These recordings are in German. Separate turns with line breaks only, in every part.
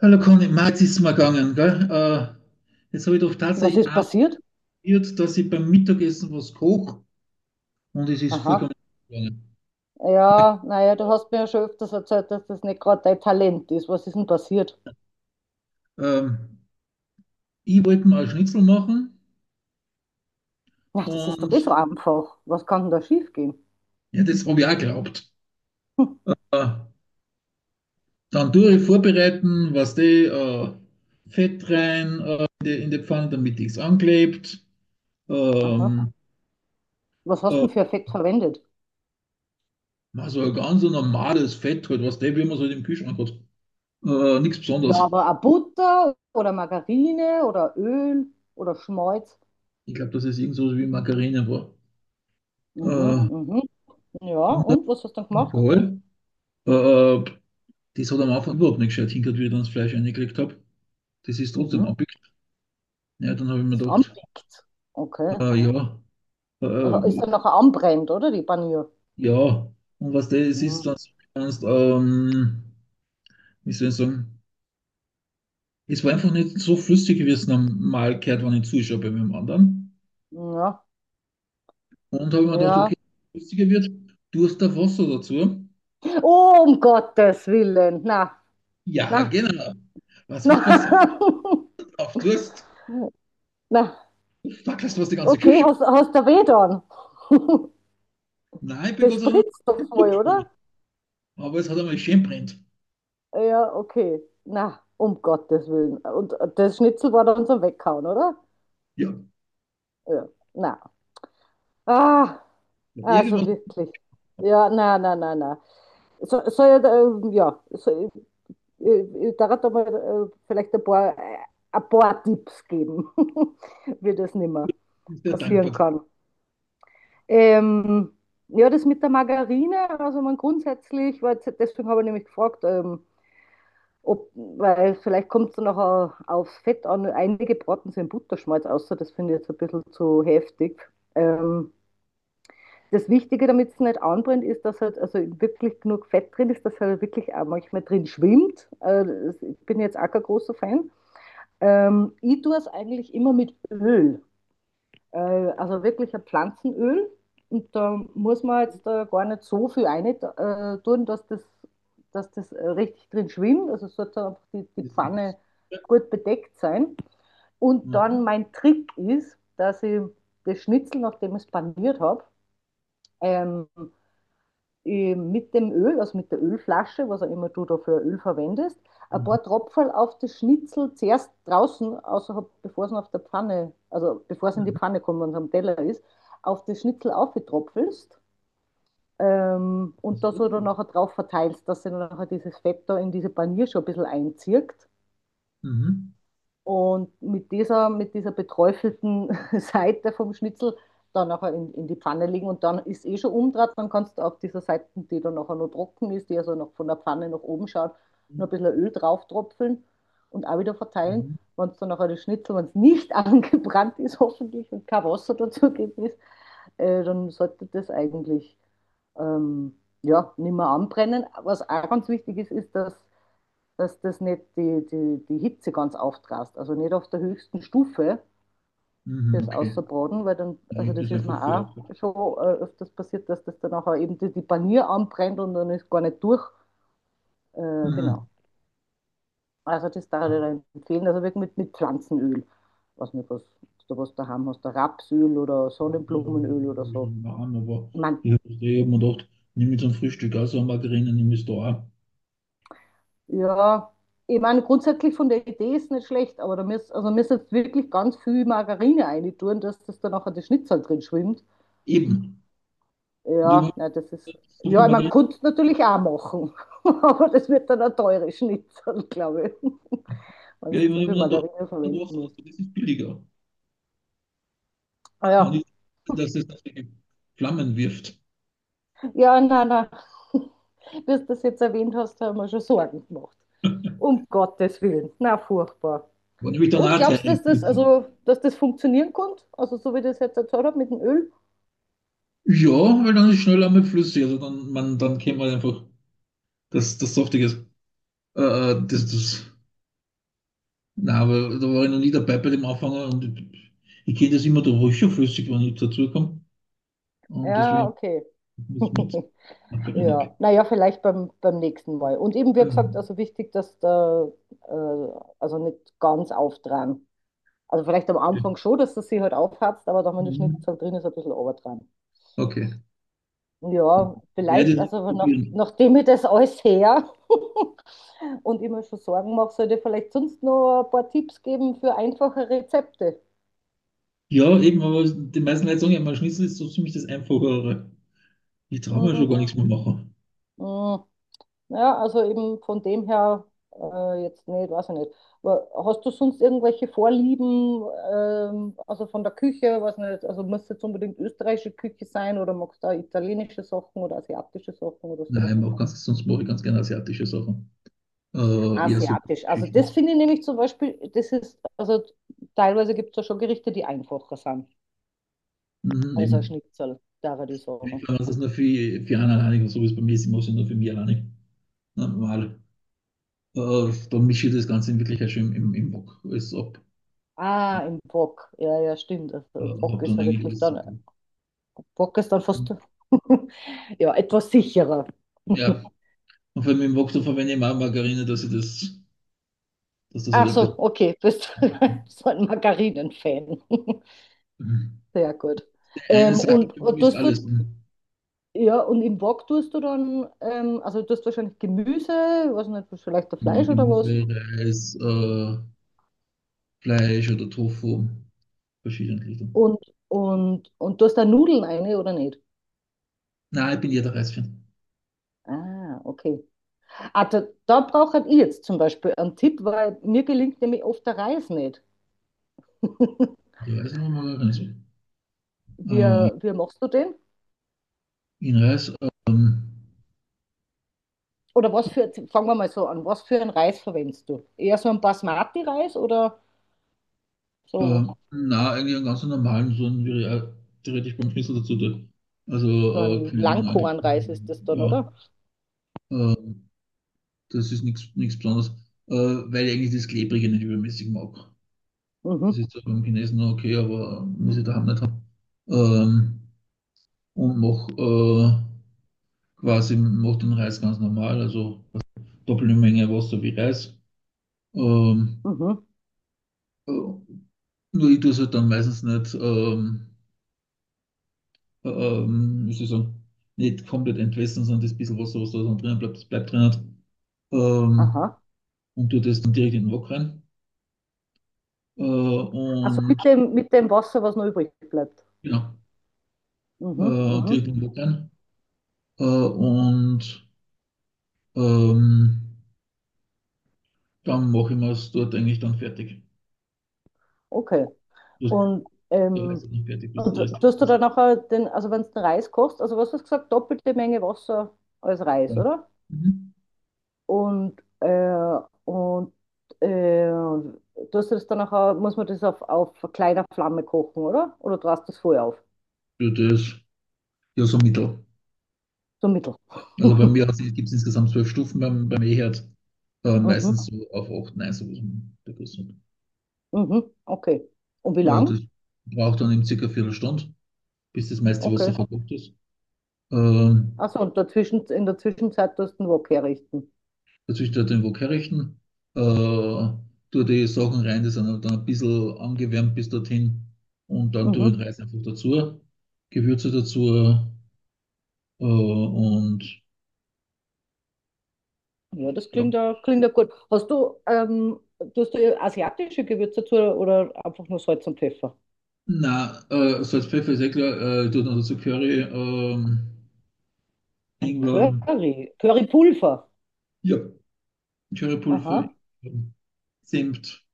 Hallo Conny, Marc, es ist mir gegangen, gell? Jetzt habe ich doch
Was
tatsächlich
ist passiert?
amüsiert, dass ich beim Mittagessen was koche und es ist vollkommen
Aha.
gegangen.
Ja, naja, du hast mir ja schon öfters erzählt, dass das nicht gerade dein Talent ist. Was ist denn passiert?
Ähm, Ich wollte mal einen Schnitzel machen
Na, das ist doch eh
und
so einfach. Was kann denn da schiefgehen?
ja, das habe ich auch geglaubt.
Hm.
Äh, Dann tue ich vorbereiten, was die Fett rein in die Pfanne, damit nichts anklebt.
Aha.
Ähm,
Was hast
äh,
du denn für Effekt verwendet?
also ein ganz normales Fett halt, was die, wie man es halt im Kühlschrank hat. Nichts
Ja,
Besonderes.
aber eine Butter oder Margarine oder Öl oder Schmalz.
Ich glaube, dass es irgend so wie Margarine war.
Mhm,
Äh,
mhm. Ja, und was hast du dann gemacht?
Voll. Äh, Das hat am Anfang überhaupt nicht gescheit hingehört, wie ich dann das Fleisch reingekriegt habe. Das ist trotzdem
Mhm.
abgekriegt. Ja, dann habe ich mir
Das
gedacht,
anpickt. Okay.
ja, äh,
Und da ist dann nachher anbrennt, oder? Die Panier.
ja. Und was das
Mhm.
ist, dann, kannst, wie soll ich sagen, es war einfach nicht so flüssig, wie es normal gehört, wenn ich zuschaue bei meinem anderen.
Ja,
Und habe mir gedacht,
ja.
okay, wenn es flüssiger wird, Durst auf Wasser dazu.
Oh, um Gottes Willen. Na,
Ja,
na.
genau. Was,
Na,
was passiert auf Durst?
na,
Fackelst du was die ganze
okay,
Küche?
hast, hast du weh dann?
Nein, ich bin
Das
Gott sei Dank,
spritzt doch voll, oder?
aber es hat einmal schön brennt.
Ja, okay. Na, um Gottes Willen. Und das Schnitzel war dann zum Weghauen, oder?
Ja.
Ja, na. Ah, also
Irgendwas
wirklich. Ja, na, na, na, na. So, soll ich, ja, so, ich darf da mal vielleicht ein paar Tipps geben, wie das nicht mehr
ist der
passieren
dankbar.
kann. Ähm, ja, das mit der Margarine, also man grundsätzlich, weil jetzt- deswegen habe ich nämlich gefragt, ob, weil vielleicht kommt es dann nachher aufs Fett an. Einige braten sie in Butterschmalz, außer das finde ich jetzt ein bisschen zu heftig. Ähm, Das Wichtige, damit es nicht anbrennt, ist, dass halt also wirklich genug Fett drin ist, dass halt wirklich auch manchmal drin schwimmt. Das- ich bin jetzt auch kein großer Fan. Ich tue es eigentlich immer mit Öl. Äh, also wirklich ein Pflanzenöl. Und da muss man jetzt gar nicht so viel rein tun, dass das richtig drin schwimmt. Also sollte einfach die
Mhm.
Pfanne gut bedeckt sein. Und dann mein Trick ist, dass ich das Schnitzel, nachdem ich es paniert habe, ähm, mit dem Öl, also mit der Ölflasche, was auch immer du da für Öl verwendest, ein
Mhm.
paar Tropferl auf das Schnitzel zuerst draußen, außerhalb, bevor es auf der Pfanne, also bevor es in die
Mhm.
Pfanne kommt, wenn es am Teller ist, auf das Schnitzel aufgetropfelst und da
So.
so dann nachher drauf verteilst, dass sich dann nachher dieses Fett da in diese Panier schon ein bisschen einzieht.
Mhm.
Und mit dieser beträufelten Seite vom Schnitzel dann nachher in die Pfanne legen und dann ist eh schon umdraht, dann kannst du auf dieser Seite, die dann nachher noch trocken ist, die also noch von der Pfanne nach oben schaut, noch
Mhm.
ein bisschen Öl drauf tropfeln und auch wieder verteilen. Wenn es dann nachher das Schnitzel, wenn es nicht angebrannt ist, hoffentlich und kein Wasser dazugegeben ist, dann sollte das eigentlich ähm, ja, nicht mehr anbrennen. Was auch ganz wichtig ist, ist, dass das nicht die Hitze ganz auftrast. Also nicht auf der höchsten Stufe
Mhm. Mhm.
das
Okay.
auszubraten, weil dann,
Ich
also
habe
das
das
ist
einfach
mir
für auch gehabt.
auch schon öfters passiert, dass das dann auch eben die Panier anbrennt und dann ist gar nicht durch. Genau.
Mhm.
Also das darf ich dir empfehlen. Also wirklich mit Pflanzenöl. Was nicht, was du was daheim hast, der Rapsöl oder Sonnenblumenöl oder so.
Aber
Ich meine,
ich habe mir gedacht, nimm jetzt ein Frühstück also eine Margarine, nimm es da auch.
ja, ich meine, grundsätzlich von der Idee ist nicht schlecht, aber da müsst, also müsst jetzt wirklich ganz viel Margarine reintun, dass das dann nachher das Schnitzel drin schwimmt.
Eben. Und ich habe
Ja, na, das ist.
so viel
Ja, man
Margarine,
könnte es natürlich auch machen, aber das wird dann ein teures Schnitzel, glaube ich, wenn
ja, ich
es
habe
zu viel
mir dann gedacht,
Margarine
ja,
verwenden muss.
das ist billiger.
Ah
Kann ich,
ja,
dass es das Flammen wirft.
ja, nein, nein. Bis du das jetzt erwähnt hast, haben wir schon Sorgen gemacht. Um Gottes Willen. Na, furchtbar.
War nämlich dann
Und
auch
glaubst du,
Teil.
dass das, also, dass das funktionieren kann? Also, so wie ich das jetzt erzählt habe mit dem Öl?
Ja, weil dann ist schneller mit flüssig. Also dann, man, dann kennt man einfach das Saftige. Äh, äh, das, das, nein, aber da war ich noch nie dabei bei dem Anfänger und ich kenne das immer, da war ich schon flüssig, wenn ich dazu kam. Und
Ja,
deswegen
okay.
muss mit.
Ja, naja, vielleicht beim nächsten Mal. Und eben, wie gesagt, also wichtig, dass da, äh, also nicht ganz auftragen. Also vielleicht am Anfang schon, dass das sich halt aufhatzt, aber dann, wenn der Schnitzel drin ist, ein bisschen runtertragen.
Okay.
Ja,
Werde
vielleicht,
ich nicht
also
probieren.
nachdem ich das alles her und immer schon Sorgen mache, sollte ich vielleicht sonst noch ein paar Tipps geben für einfache Rezepte.
Ja, eben, aber die meisten Leute sagen ja, mein Schnitzel ist so ziemlich das Einfachere. Ich traue mir schon
Mm,
gar nichts mehr machen.
mm. Ja, also eben von dem her jetzt nicht, weiß ich nicht. Aber hast du sonst irgendwelche Vorlieben, also von der Küche, weiß nicht, also muss jetzt unbedingt österreichische Küche sein oder magst du auch italienische Sachen oder asiatische Sachen oder so?
Nein, ich mach ganz, sonst mache ich ganz gerne asiatische Sachen. Eher so
Asiatisch. Also
Geschichten.
das finde ich nämlich zum Beispiel, das ist, also teilweise gibt es ja schon Gerichte, die einfacher sind.
Mhm,
Also ein
eben.
Schnitzel, da würde ich
Ja, ich
sagen.
glaube, das ist nur für einen alleinigen, so wie es bei mir ist, ich mache es nur für mich alleinig. Normal. Dann mische ich das Ganze in Wirklichkeit schon im Wok alles ab.
Ah, im Wok. Ja, ja, stimmt. Also im
Hab
Wok ist
dann
ja
eigentlich
wirklich
alles so.
dann, Pakistan fast ja, etwas sicherer.
Ja, und vor allem im Wok, da verwende ich auch Margarine, dass ich das, dass das halt
Ach
ein
so,
bisschen.
okay, du bist so ein Margarinen-Fan. Sehr gut.
Die eine Sache
Und
für mich
was
ist
tust du,
alles.
ja, und im Wok tust du dann, also du tust wahrscheinlich Gemüse, weiß nicht, vielleicht ein
Ja,
Fleisch oder was,
Gemüse, Reis, Fleisch oder Tofu, verschiedene Richtungen.
und, und tust da Nudeln rein oder nicht?
Nein, ich bin jeder Reis-Fan.
Ah, okay. Ah, da brauche ich jetzt zum Beispiel einen Tipp, weil mir gelingt nämlich oft der Reis nicht.
Der Reis nochmal Reis.
Wie,
Äh,
wie machst du den?
in Reis, ähm,
Oder was für, fangen wir mal so an, was für einen Reis verwendest du? Eher so einen Basmati-Reis oder so,
Na, eigentlich einen ganz normalen, so einen, wie er theoretisch beim Schnitzel dazu tut. Also,
so ein
keine Ahnung, eigentlich.
Langkornreis ist das dann,
Ja,
oder?
ähm, das ist nichts Besonderes, weil ich eigentlich das Klebrige nicht übermäßig mag. Das
Mhm,
ist zwar beim Chinesen noch okay, aber muss ich daheim nicht haben. Ähm, und mach quasi mach den Reis ganz normal, also doppelte Menge Wasser wie Reis. Ähm,
mhm,
äh, Nur ich tue es halt dann meistens nicht. Wie soll ich sagen, nicht komplett entwässern, sondern das bisschen Wasser, was da drin bleibt, das bleibt drin. Hat. Ähm,
aha.
und tue das dann direkt in den Wok rein.
Also
Und
mit dem Wasser, was noch übrig bleibt.
genau,
Mhm,
direkt
mhm,
in den Wok rein. Und ähm, dann mache ich mir es dort eigentlich dann fertig.
okay.
Das,
Und,
der Reis
ähm,
ist nicht fertig, bis
und
der Rest fertig
tust du
ist.
dann nachher den, also wenn du den Reis kochst, also was hast du gesagt, doppelte Menge Wasser als
Ja.
Reis, oder?
Mhm.
Und, und äh, tust du das dann nachher, muss man das auf kleiner Flamme kochen, oder? Oder du hast das vorher auf?
Ja, das ja so mittel.
So mittel.
Also bei mir gibt es insgesamt 12 Stufen beim E-Herd.
Mhm,
Meistens so auf 8 9, so der Größe.
mhm, okay. Und wie lang?
Das braucht dann eben circa eine Viertelstunde, bis das meiste Wasser
Okay.
verkocht ist. Ähm,
Achso, und dazwischen, in der Zwischenzeit tust du den Wok herrichten.
Dazwischen halt den Wok herrichten, tue die Sachen rein, die sind dann ein bisschen angewärmt bis dorthin und dann tue ich
Mhm.
den Reis einfach dazu, Gewürze dazu und
Ja, das
ja.
klingt ja gut. Hast du, tust du asiatische Gewürze dazu oder einfach nur Salz und Pfeffer?
Na, Salz, Pfeffer ist eh klar, ich tue dann dazu Curry,
Ein
Ingwer,
Curry. Currypulver.
ja, Currypulver,
Aha.
Senf,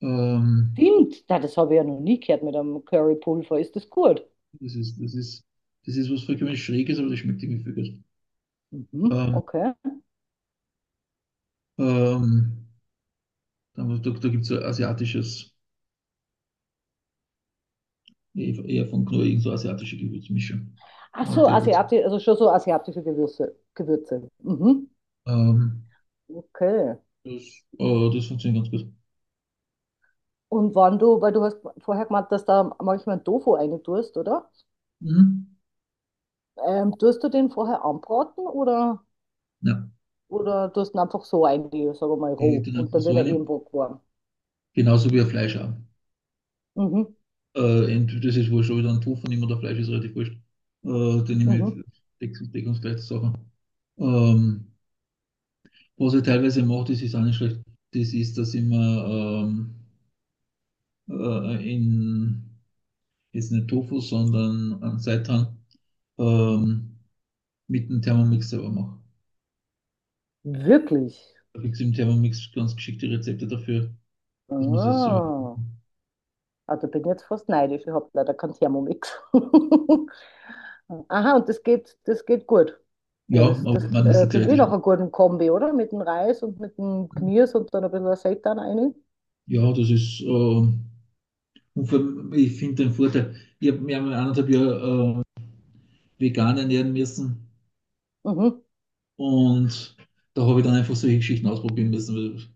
ähm,
Stimmt, na, das habe ich ja noch nie gehört mit einem Currypulver. Ist das gut?
Das ist, das ist, das ist was vollkommen Schräges, aber das schmeckt irgendwie viel gut.
Mhm,
Ähm,
okay.
ähm, Dann, da gibt es so asiatisches, eher von Knorr, irgend so asiatische Gewürzmischung.
Ach so,
Die dazu.
Asiati, also schon so asiatische Gewürze. Gewürze. Mhm,
Ähm,
okay.
das, das funktioniert ganz gut.
Und wann du, weil du hast vorher gemeint, dass da manchmal Tofu reintust, oder?
Mhm.
Tust du den vorher anbraten
Ja,
oder tust du ihn einfach so rein, sagen wir mal
ich
roh,
dann
und
einfach
dann
so
wird er
eine.
eben warm.
Genauso wie ein Fleisch auch.
Mhm,
Entweder das ist wurscht, ob ich dann Tofu nehme oder Fleisch ist relativ wurscht. Dann nehme
mhm.
ich deckungsgleiche Sachen. Ähm, Was ich teilweise mache, das ist auch nicht schlecht, das ist, dass ich mir ähm, in, jetzt nicht Tofu, sondern an Seitan, ähm, mit dem Thermomix selber mache.
Wirklich?
Da kriegst du im Thermomix ganz geschickte Rezepte dafür, dass man es selber
Ah,
machen.
also bin jetzt fast neidisch, ich habe leider keinen Thermomix. Aha, und das geht gut.
Ja,
Ja, das,
aber
das
man ist ja
klingt wie nach
theoretisch.
einer guten Kombi, oder? Mit dem Reis und mit dem Knirsch und dann ein bisschen Seitan rein.
Ja, das ist, und vor allem, ich finde den Vorteil, ich habe mir einmal anderthalb Jahre vegan ernähren müssen
Mhm,
und da habe ich dann einfach solche Geschichten ausprobieren müssen.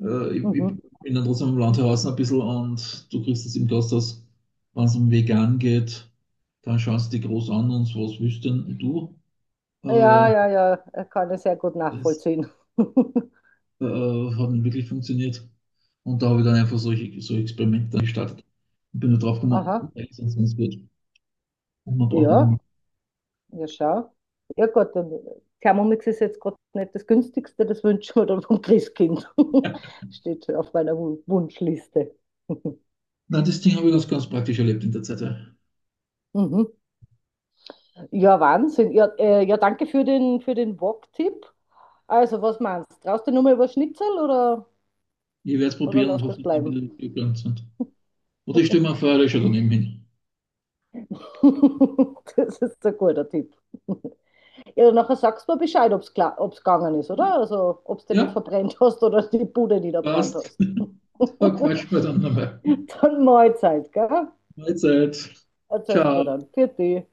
Ich
mhm.
bin dann trotzdem im Landhausen ein bisschen und du kriegst es im Gasthaus, wenn es um vegan geht, dann schauen sie dich groß an und was willst denn du?
Ja,
Äh,
ja, ja, kann ich sehr gut
Das
nachvollziehen.
hat nicht wirklich funktioniert. Und da habe ich dann einfach solche Experimente dann gestartet. Und bin nur drauf gekommen,
Aha,
eigentlich ist es ganz gut. Und man braucht nicht
ja,
immer.
ja, schau. Ja, Gott, dann Thermomix ist jetzt gerade nicht das günstigste, das wünschen wir dann vom Christkind. Steht auf meiner Wun- Wunschliste.
Na, das Ding habe ich ganz, ganz praktisch erlebt in der Zeit. Ja.
Mhm. Ja, Wahnsinn. Ja, ja danke für den Wok-Tipp. Also, was meinst du? Traust du nur mal über Schnitzel
Ich werde es
oder
probieren und
lass
hoffe,
das
dass die wieder
bleiben?
gegangen sind. Oder ich stelle mir vor, ich schaue daneben hin.
Das ist ein guter Tipp. Ja, nachher sagst du mir Bescheid, ob es klar, ob's gegangen ist, oder? Also, ob du den nicht
Ja,
verbrennt hast oder die Bude niederbrannt
passt.
hast.
Da quatschen wir dann nochmal.
Dann Mahlzeit, gell?
Mahlzeit.
Erzählst
Ciao.
mir dann. Für dich.